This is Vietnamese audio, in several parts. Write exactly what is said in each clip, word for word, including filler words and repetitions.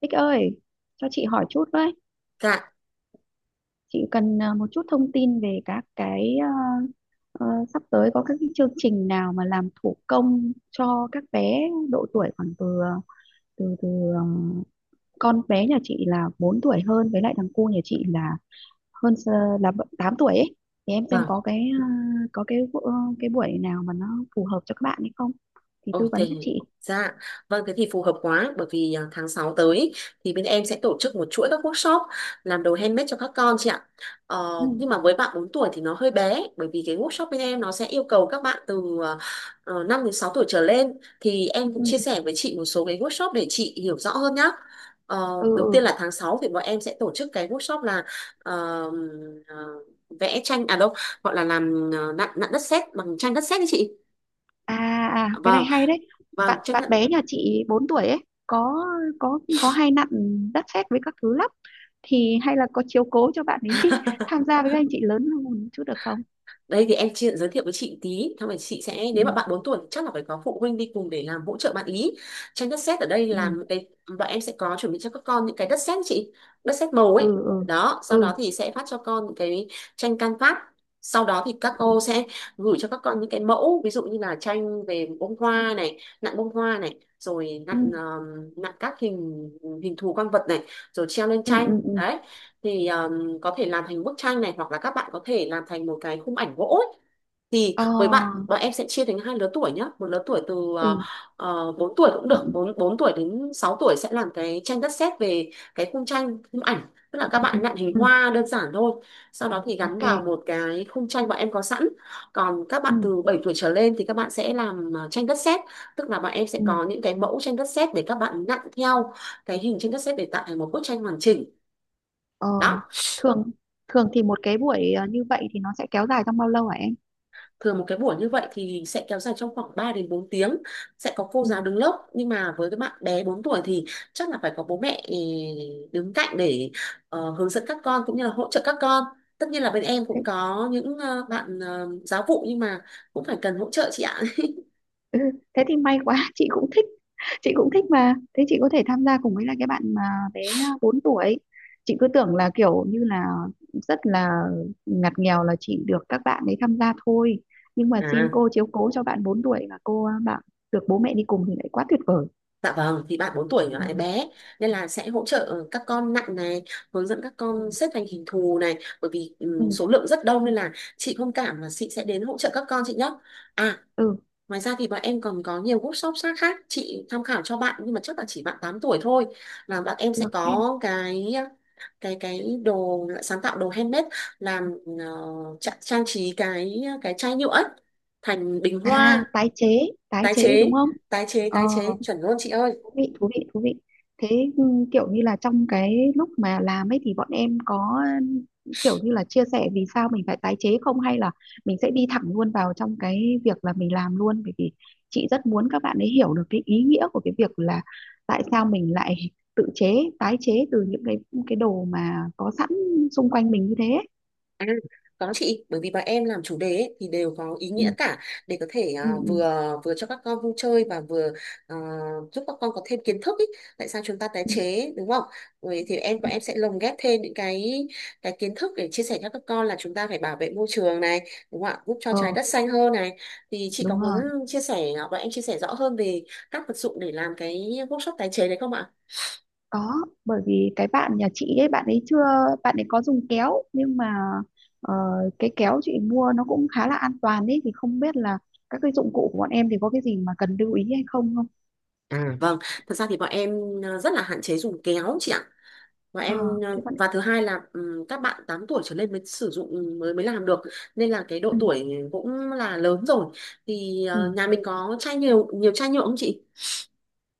Bích ơi, cho chị hỏi chút với. Dạ, Chị cần à, một chút thông tin về các cái à, ờ, sắp tới có các cái chương trình nào mà làm thủ công cho các bé độ tuổi khoảng từ à, từ từ ờ, con bé nhà chị là bốn tuổi hơn với lại thằng cu nhà chị là hơn s- là tám tuổi ấy. Thì em xem vâng. có cái à, có cái bu- ờ, cái buổi nào mà nó phù hợp cho các bạn hay không thì Ôi, tư thế vấn giúp chị. dạ. Vâng, thế thì phù hợp quá bởi vì à, tháng sáu tới ý, thì bên em sẽ tổ chức một chuỗi các workshop làm đồ handmade cho các con chị ạ. Ừ, Ờ, nhưng mà với bạn bốn tuổi thì nó hơi bé, bởi vì cái workshop bên em nó sẽ yêu cầu các bạn từ uh, năm đến sáu tuổi trở lên, thì em cũng ừ, chia sẻ với chị một số cái workshop để chị hiểu rõ hơn nhá. Ờ, đầu ừ. tiên là tháng sáu thì bọn em sẽ tổ chức cái workshop là ờ, ờ, vẽ tranh, à đâu gọi là làm ờ, nặn nặn đất sét, bằng tranh đất sét đấy chị. À, à cái này Vâng, hay đấy. vâng, Bạn chấp bạn nhận. bé nhà chị bốn tuổi ấy có có có hay nặn đất sét với các thứ lắm. Thì hay là có chiếu cố cho bạn ấy tham gia với các anh chị lớn hơn một chút được không? Đây thì em chị giới thiệu với chị tí, xong rồi chị sẽ, Ừ, nếu mà bạn bốn tuổi chắc là phải có phụ huynh đi cùng để làm hỗ trợ bạn ý. Tranh đất sét ở đây là ừ, một cái bọn em sẽ có chuẩn bị cho các con những cái đất sét chị, đất sét màu ấy. ừ, ừ, Đó, sau đó thì sẽ phát cho con những cái tranh can phát. Sau đó thì các ừ, cô sẽ gửi cho các con những cái mẫu, ví dụ như là tranh về bông hoa này, nặn bông hoa này, rồi ừ, nặn ờ, nặn các hình hình thù con vật này, rồi treo lên ừ, ừ, tranh. ừ. Ừ. Đấy. Thì ờ, có thể làm thành bức tranh này, hoặc là các bạn có thể làm thành một cái khung ảnh gỗ ấy. Thì Ờ, với bạn bọn em sẽ chia thành hai lứa tuổi nhé, một lứa tuổi từ ừ. uh, bốn tuổi cũng Ừ. được, bốn bốn tuổi đến sáu tuổi sẽ làm cái tranh đất sét về cái khung tranh khung ảnh, tức là các Ừ, ừ, bạn nặn hình ừ. hoa đơn giản thôi, sau đó thì gắn Ok. vào một cái khung tranh bọn em có sẵn. Còn các Ừ, bạn từ bảy tuổi trở lên thì các bạn sẽ làm ờ, tranh đất sét, tức là bọn em sẽ ừ. có những cái mẫu tranh đất sét để các bạn nặn theo, cái hình tranh đất sét để tạo thành một bức tranh hoàn chỉnh Ờ, đó. thường thường thì một cái buổi ờ, như vậy thì nó sẽ kéo dài trong bao lâu hả em? Thường một cái buổi như vậy thì sẽ kéo dài trong khoảng ba đến bốn tiếng, sẽ có cô Ừ. giáo đứng lớp, nhưng mà với cái bạn bé bốn tuổi thì chắc là phải có bố mẹ ừ, đứng cạnh để ờ, hướng dẫn các con, cũng như là hỗ trợ các con. Tất nhiên là bên em cũng có những ờ, bạn ờ, giáo vụ, nhưng mà cũng phải cần hỗ trợ chị ạ. Ừ, thế thì may quá, chị cũng thích chị cũng thích mà thế chị có thể tham gia cùng với là cái bạn mà bé bốn tuổi. Chị cứ tưởng là kiểu như là rất là ngặt nghèo, là chỉ được các bạn ấy tham gia thôi, nhưng mà xin À, cô chiếu cố cho bạn bốn tuổi và cô à, bạn được bố mẹ đi cùng thì lại quá tuyệt vời. dạ vâng, thì bạn bốn tuổi là Ừ, lại bé, nên là sẽ hỗ trợ các con nặng này, hướng dẫn các ừ. con xếp thành hình thù này, bởi vì ừ, số Ừ, lượng rất đông, nên là chị thông cảm là chị sẽ đến hỗ trợ các con chị nhé. À, ừ ngoài ra thì bọn em còn có nhiều workshop khác khác chị tham khảo cho bạn, nhưng mà chắc là chỉ bạn tám tuổi thôi, là bạn em sẽ được em. có cái cái cái đồ sáng tạo, đồ handmade, làm ờ, tra- trang trí cái cái chai nhựa ấy, thành bình À, hoa tái chế tái tái chế đúng chế. không? Tái chế, ờ tái chế chuẩn luôn chị ơi. Thú vị, thú vị, thú vị. Thế, ừ, kiểu như là trong cái lúc mà làm ấy thì bọn em có, ừ, kiểu như là chia sẻ vì sao mình phải tái chế không, hay là mình sẽ đi thẳng luôn vào trong cái việc là mình làm luôn, bởi vì chị rất muốn các bạn ấy hiểu được cái ý nghĩa của cái việc là tại sao mình lại tự chế, tái chế từ những cái cái đồ mà có sẵn xung quanh mình như thế ấy. À, có chị, bởi vì bọn em làm chủ đề ấy thì đều có ý nghĩa Ừ, cả, để có thể ừ, à, ừ, vừa vừa cho các con vui chơi và vừa à, giúp các con có thêm kiến thức ý. Tại sao chúng ta tái ừ, chế, đúng không? Rồi thì em ừ. bọn Ừ. em sẽ lồng ghép thêm những cái cái kiến thức để chia sẻ cho các con là chúng ta phải bảo vệ môi trường này, đúng không ạ? Giúp cho ờ trái đất xanh hơn này. Thì chị có Đúng muốn rồi. chia sẻ, à, bọn em chia sẻ rõ hơn về các vật dụng để làm cái workshop tái chế đấy không ạ? Có, bởi vì cái bạn nhà chị ấy, bạn ấy chưa, bạn ấy có dùng kéo nhưng mà ờ, cái kéo chị mua nó cũng khá là an toàn đấy, thì không biết là các cái dụng cụ của bọn em thì có cái gì mà cần lưu ý hay không không. À, vâng, thật ra thì bọn em à, rất là hạn chế dùng kéo chị ạ, và ờ em ờ, Thế bạn. và thứ hai là ừm, các bạn tám tuổi trở lên mới sử dụng, mới mới làm được, nên là cái độ Ừ, tuổi cũng là lớn rồi. Thì ờ, ừ. nhà mình có chai nhiều nhiều chai nhựa không chị?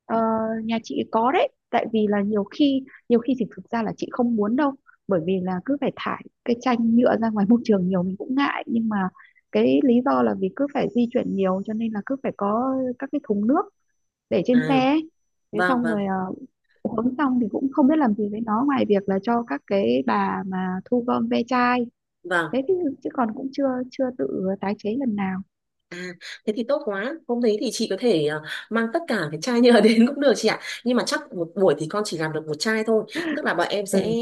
Ờ, nhà chị có đấy, tại vì là nhiều khi nhiều khi thì thực ra là chị không muốn đâu, bởi vì là cứ phải thải cái chanh nhựa ra ngoài môi trường nhiều mình cũng ngại, nhưng mà cái lý do là vì cứ phải di chuyển nhiều, cho nên là cứ phải có các cái thùng nước để trên À, xe ấy. Thế vâng, xong rồi, vâng, ờ, uống xong thì cũng không biết làm gì với nó ngoài việc là cho các cái bà mà thu gom ve chai. vâng. Thế chứ, chứ còn cũng chưa chưa tự tái chế lần nào. À, thế thì tốt quá. Hôm đấy thì chị có thể ờ, mang tất cả cái chai nhựa đến cũng được chị ạ. Nhưng mà chắc một buổi thì con chỉ làm được một chai thôi. Tức là bọn em sẽ Ừ,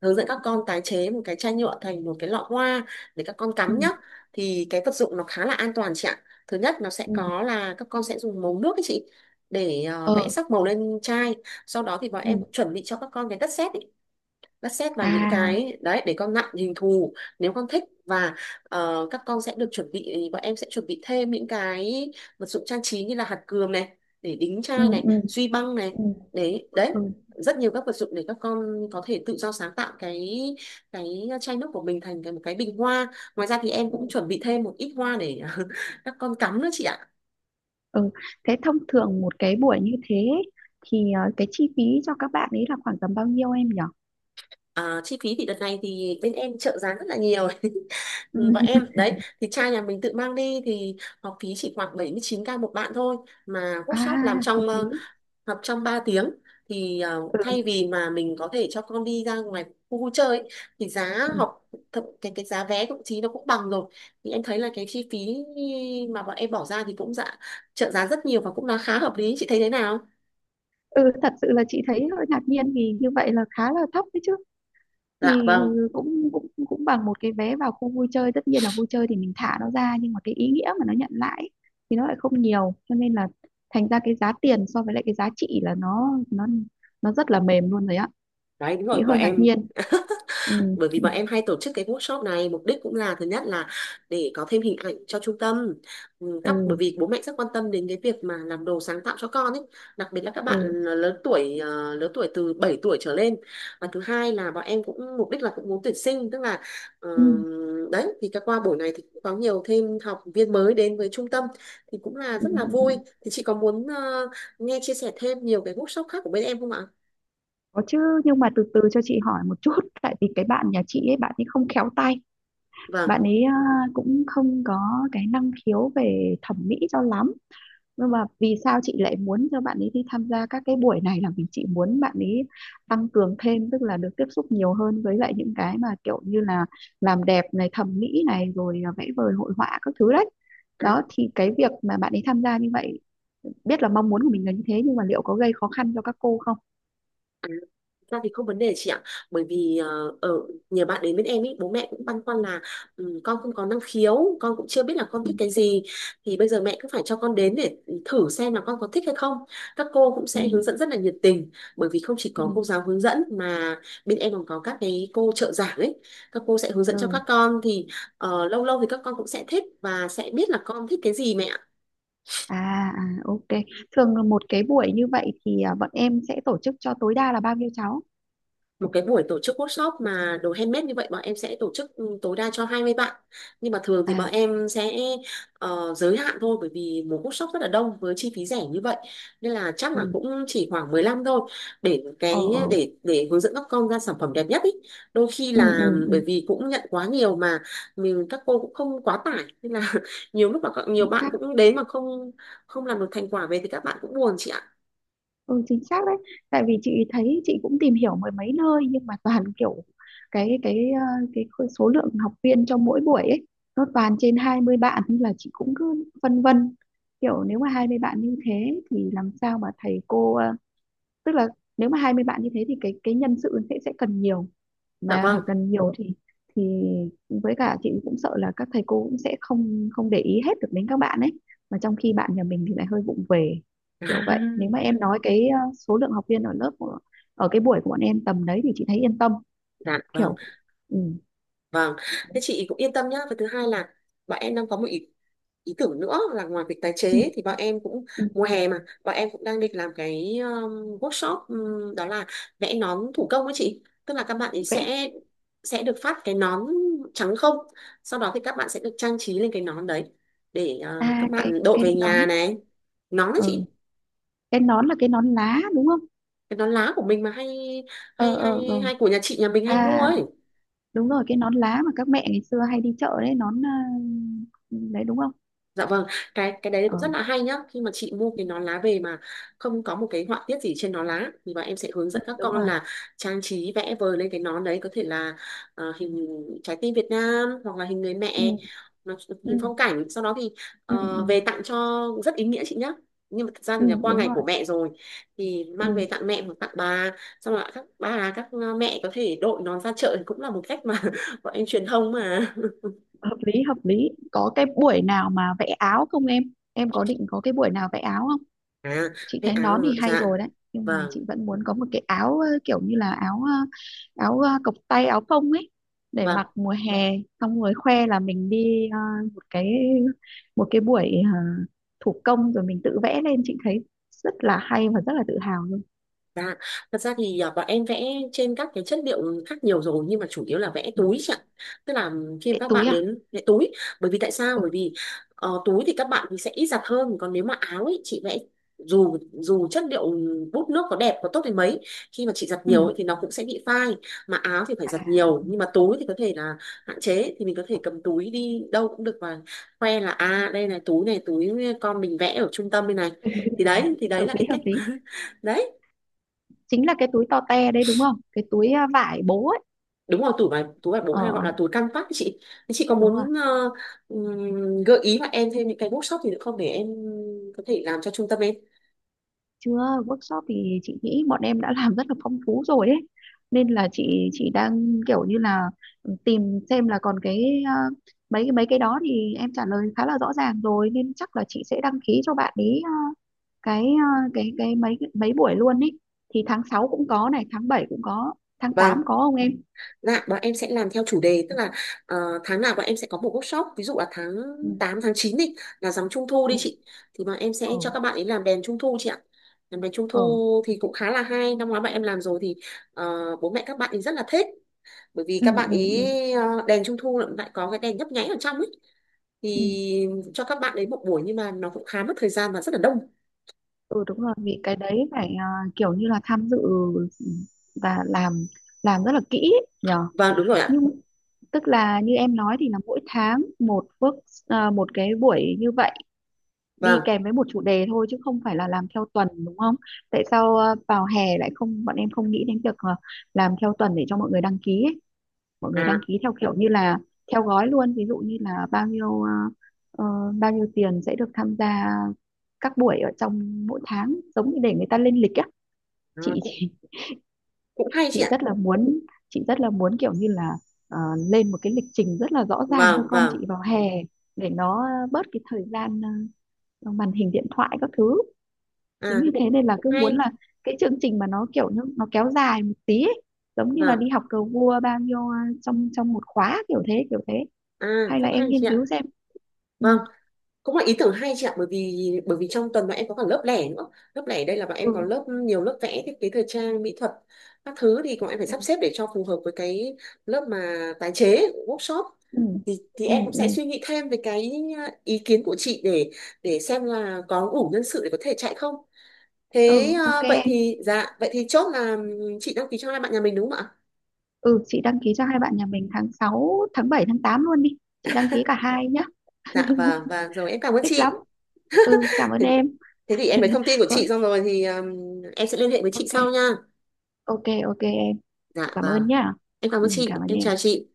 hướng dẫn các con tái chế một cái chai nhựa thành một cái lọ hoa để các con ừ, cắm nhá. Thì cái vật dụng nó khá là an toàn chị ạ. Thứ nhất nó sẽ ừ, có là các con sẽ dùng màu nước ấy chị, để ờ, vẽ ừ, sắc màu lên chai. Sau đó thì bọn em ừ. cũng chuẩn bị cho các con cái đất sét, bắt xét vào những À, cái đấy để con nặn hình thù nếu con thích. Và ờ, các con sẽ được chuẩn bị, bọn em sẽ chuẩn bị thêm những cái vật dụng trang trí như là hạt cườm này để đính ừ, chai này, ừ, duy băng này, ừ, đấy đấy, ừ, rất nhiều các vật dụng để các con có thể tự do sáng tạo cái cái chai nước của mình thành cái một cái bình hoa. Ngoài ra thì em ừ, cũng chuẩn bị thêm một ít hoa để các con cắm nữa chị ạ. ừ. Thế thông thường một cái buổi như thế thì ờ, cái chi phí cho các bạn ấy là khoảng tầm bao nhiêu em nhỉ? À, chi phí thì đợt này thì bên em trợ giá rất là nhiều, Ừ. bọn em, đấy thì trai nhà mình tự mang đi thì học phí chỉ khoảng bảy mươi chín k một bạn thôi, mà À, workshop làm hợp trong lý. ờ, học trong ba tiếng. Thì ờ, thay Ừ, vì mà mình có thể cho con đi ra ngoài khu vui chơi ấy, thì giá ừ. học, thậm- cái cái giá vé thậm chí nó cũng bằng rồi. Thì em thấy là cái chi phí mà bọn em bỏ ra thì cũng, dạ, trợ giá rất nhiều và cũng là khá hợp lý, chị thấy thế nào? Ừ, thật sự là chị thấy hơi ngạc nhiên vì như vậy là khá là thấp đấy chứ, Dạ thì vâng. cũng cũng cũng bằng một cái vé vào khu vui chơi. Tất nhiên là vui chơi thì mình thả nó ra, nhưng mà cái ý nghĩa mà nó nhận lại ấy, thì nó lại không nhiều, cho nên là thành ra cái giá tiền so với lại cái giá trị là nó nó nó rất là mềm luôn rồi á. Đấy, đúng rồi, Chị bọn hơi ngạc em nhiên. Ừ, bởi vì bọn em hay tổ chức cái workshop này, mục đích cũng là, thứ nhất là để có thêm hình ảnh cho trung tâm. Ừ, các bởi ừ, vì bố mẹ rất quan tâm đến cái việc mà làm đồ sáng tạo cho con ấy, đặc biệt là các ừ, bạn lớn tuổi ờ, lớn tuổi từ bảy tuổi trở lên. Và thứ hai là bọn em cũng mục đích là cũng muốn tuyển sinh, tức là, ờ, ừ, đấy thì các qua buổi này thì cũng có nhiều thêm học viên mới đến với trung tâm, thì cũng là ừ. rất Ừ. là vui. Ừ. Thì chị có muốn ờ, nghe chia sẻ thêm nhiều cái workshop khác của bên em không ạ? Có chứ, nhưng mà từ từ cho chị hỏi một chút. Tại vì cái bạn nhà chị ấy, bạn ấy không khéo tay, Vâng. bạn ấy à, cũng không có cái năng khiếu về thẩm mỹ cho lắm. Nhưng mà vì sao chị lại muốn cho bạn ấy đi tham gia các cái buổi này là vì chị muốn bạn ấy tăng cường thêm, tức là được tiếp xúc nhiều hơn với lại những cái mà kiểu như là làm đẹp này, thẩm mỹ này, rồi à, vẽ vời hội họa các thứ đấy. Đó thì cái việc mà bạn ấy tham gia như vậy, biết là mong muốn của mình là như thế, nhưng mà liệu có gây khó khăn cho các cô không? À, ra thì không vấn đề chị ạ, bởi vì ờ, ở nhờ bạn đến bên em ý, bố mẹ cũng băn khoăn là ừ, con không có năng khiếu, con cũng chưa biết là con thích Ừ. cái gì. Thì bây giờ mẹ cứ phải cho con đến để thử xem là con có thích hay không. Các cô cũng Ừ, sẽ hướng dẫn rất là nhiệt tình, bởi vì không chỉ ừ, có cô giáo hướng dẫn mà bên em còn có các cái cô trợ giảng ấy. Các cô sẽ hướng dẫn cho ừ. các con thì ờ, lâu lâu thì các con cũng sẽ thích và sẽ biết là con thích cái gì mẹ ạ. À, à ok. Thường là một cái buổi như vậy thì à, bọn em sẽ tổ chức cho tối đa là bao nhiêu cháu? Một cái buổi tổ chức workshop mà đồ handmade như vậy, bọn em sẽ tổ chức ừ, tối đa cho hai mươi bạn. Nhưng mà thường thì À, bọn em sẽ ờ, giới hạn thôi, bởi vì một workshop rất là đông với chi phí rẻ như vậy, nên là chắc là ừ, cũng chỉ khoảng mười lăm thôi, để ờ cái ờ, để để hướng dẫn các con ra sản phẩm đẹp nhất ý. Đôi khi ừ, ừ, là ừ, bởi vì cũng nhận quá nhiều mà mình các cô cũng không quá tải, nên là nhiều lúc mà các- nhiều chính bạn xác. cũng đến mà không không làm được thành quả về thì các bạn cũng buồn chị ạ. Ừ, chính xác đấy. Tại vì chị thấy chị cũng tìm hiểu mười mấy nơi nhưng mà toàn kiểu cái cái ờ, cái khối- số lượng học viên cho mỗi buổi ấy nó toàn trên hai mươi bạn nên là chị cũng cứ phân vân. Kiểu nếu mà hai mươi bạn như thế thì làm sao mà thầy cô ờ, tức là nếu mà hai mươi bạn như thế thì cái cái nhân sự sẽ sẽ cần nhiều, Dạ mà vâng. cần nhiều thì thì với cả chị cũng sợ là các thầy cô cũng sẽ không không để ý hết được đến các bạn ấy, mà trong khi bạn nhà mình thì lại hơi vụng về, kiểu vậy. Nếu mà em nói cái ờ, số lượng học viên ở lớp của, ở cái buổi của bọn em tầm đấy thì chị thấy yên tâm, À, dạ vâng. kiểu. Ừ, Vâng, thế chị cũng yên tâm nhá. Và thứ hai là bọn em đang có một ý, ý tưởng nữa, là ngoài việc tái ừ, chế thì bọn em cũng, ừ. mùa hè mà, bọn em cũng đang định làm cái um, workshop, um, đó là vẽ nón thủ công ấy chị. Tức là các bạn ấy Vẽ? sẽ sẽ được phát cái nón trắng không. Sau đó thì các bạn sẽ được trang trí lên cái nón đấy để ờ, à các cái bạn đội cái về nhà nón. này. Nón ấy Ừ. chị, Cái nón là cái nón lá đúng không? cái nón lá của mình mà hay Ờ, hay ờ, ờ. hay hay của nhà chị nhà mình hay mua À, ấy. đúng rồi, cái nón lá mà các mẹ ngày xưa hay đi chợ đấy, nón à, đấy đúng không? Dạ vâng, cái cái đấy Ờ. cũng rất là hay nhá. Khi mà chị mua cái nón lá về mà không có một cái họa tiết gì trên nón lá thì bọn em sẽ hướng Ừ, dẫn các đúng con rồi. là trang trí vẽ vời lên cái nón đấy, có thể là ờ, hình trái tim Việt Nam hoặc là hình người Ừ, mẹ, nó, ừ, hình phong cảnh. Sau đó thì ừ, ừ, ờ, về tặng cho rất ý nghĩa chị nhá. Nhưng mà thật ra ừ, thì là qua đúng ngày rồi. của mẹ rồi thì mang Ừ. về tặng mẹ hoặc tặng bà, xong rồi các bà các ờ, mẹ có thể đội nón ra chợ thì cũng là một cách mà bọn em truyền thông mà. Hợp lý, hợp lý. Có cái buổi nào mà vẽ áo không em Em có định có cái buổi nào vẽ áo không? À, Chị vậy thấy nón áo thì hay dạ rồi đấy, nhưng mà vâng chị vẫn muốn có một cái áo, ờ, kiểu như là áo, ờ, áo ờ, cộc tay áo phông ấy, để vâng. mặc mùa hè, xong rồi khoe là mình đi, ờ, một cái, một cái buổi ờ, thủ công rồi mình tự vẽ lên. Chị thấy rất là hay và rất là tự hào luôn. Dạ, thật ra thì à, bọn em vẽ trên các cái chất liệu khác nhiều rồi, nhưng mà chủ yếu là vẽ Ừ. túi chị ạ. Tức là khi mà Cái các túi bạn à? đến vẽ túi, bởi vì tại sao? Ừ. Bởi vì ờ, túi thì các bạn thì sẽ ít giặt hơn, còn nếu mà áo ấy chị vẽ, dù dù chất liệu bút nước có đẹp có tốt đến mấy, khi mà chị giặt nhiều Ừ. ấy, thì nó cũng sẽ bị phai. Mà áo thì phải giặt À, nhiều, nhưng mà túi thì có thể là hạn chế, thì mình có thể cầm túi đi đâu cũng được và khoe là à đây này, túi này, túi con mình vẽ ở trung tâm đây này, thì đấy thì hợp đấy là cái lý, hợp cách. lý, Đấy chính là cái túi to te đấy đúng không, cái túi ờ, vải bố ấy. đúng rồi, túi mà túi mà bố hay gọi Ờ, là túi canvas ấy chị. Chị có đúng rồi. muốn ờ, ừm, gợi ý mà em thêm những cái workshop gì nữa không để em có thể làm cho trung tâm em? Chưa, workshop thì chị nghĩ bọn em đã làm rất là phong phú rồi ấy, nên là chị chị đang kiểu như là, ừ, tìm xem là còn cái, ờ, mấy cái mấy cái đó thì em trả lời khá là rõ ràng rồi, nên chắc là chị sẽ đăng ký cho bạn ý ờ, cái ờ, cái cái mấy mấy buổi luôn ấy. Thì tháng sáu cũng có này, tháng bảy cũng có, tháng Vâng, tám có không em? dạ bọn em sẽ làm theo chủ đề, tức là ờ, tháng nào bọn em sẽ có một workshop. Ví dụ là tháng Ừ, tám tháng chín đi là rằm trung thu đi ừ, chị, thì bọn em sẽ cho các bạn ấy làm đèn trung thu chị ạ. Làm đèn trung ừ, thu thì cũng khá là hay, năm ngoái bọn em làm rồi thì ờ, bố mẹ các bạn ấy rất là thích, bởi vì ừ, các bạn ừ, ừ, ý ừ, ờ, đèn trung thu lại có cái đèn nhấp nháy ở trong ấy, ừ. thì cho các bạn ấy một buổi nhưng mà nó cũng khá mất thời gian và rất là đông. Ừ, đúng rồi vì cái đấy phải ờ, kiểu như là tham dự, ừ, và làm làm rất là kỹ ấy, nhờ. Vâng đúng rồi ạ. Nhưng tức là như em nói thì là mỗi tháng một work à, một cái buổi như vậy, Vâng. đi kèm với một chủ đề thôi chứ không phải là làm theo tuần đúng không? Tại sao à, vào hè lại không, bọn em không nghĩ đến việc à, làm theo tuần để cho mọi người đăng ký ấy. Mọi người À, đăng ký theo kiểu như là theo gói luôn, ví dụ như là bao nhiêu à, ờ, bao nhiêu tiền sẽ được tham gia các buổi ở trong mỗi tháng, giống như để người ta lên lịch á. à chị cũng cũng hay chị chị ạ. rất là muốn, chị rất là muốn kiểu như là ờ, lên một cái lịch trình rất là rõ ràng cho Vâng con vâng. chị vào hè, để nó bớt cái thời gian ờ, màn hình điện thoại các thứ. À Chính vì thì thế cũng nên là cũng cứ hay. muốn là cái chương trình mà nó kiểu như nó kéo dài một tí ấy, giống như là Vâng. đi học cờ vua bao nhiêu ờ, trong trong một khóa, kiểu thế kiểu thế. À, Hay rất là em hay nghiên chị ạ. cứu xem. Ừ, Vâng, cũng là ý tưởng hay chị ạ, bởi vì bởi vì trong tuần bọn em có cả lớp lẻ nữa. Lớp lẻ đây là bọn ừ, em có lớp, nhiều lớp vẽ thiết kế thời trang mỹ thuật các thứ, thì bọn em phải sắp xếp để cho phù hợp với cái lớp mà tái chế workshop. ừ, Thì thì em ừ, cũng sẽ ừ, suy nghĩ thêm về cái ờ, ý kiến của chị để để xem là có đủ nhân sự để có thể chạy không. ừ, thế ok ờ, vậy em. thì dạ vậy thì chốt là chị đăng ký cho hai bạn nhà mình đúng không ạ? Ừ, chị đăng ký cho hai bạn nhà mình tháng sáu tháng bảy tháng tám luôn đi, chị đăng ký cả hai nhá. Dạ, và và rồi em cảm ơn Thích lắm. chị. Ừ, cảm ơn Thế, em. thế thì em lấy thông tin của Có- chị xong rồi thì ờm, em sẽ liên hệ với chị ok, sau nha. ok ok em. Chị Dạ cảm vâng. ơn nhá. Em cảm Ừ, ơn chị, cảm ơn em chào em. chị.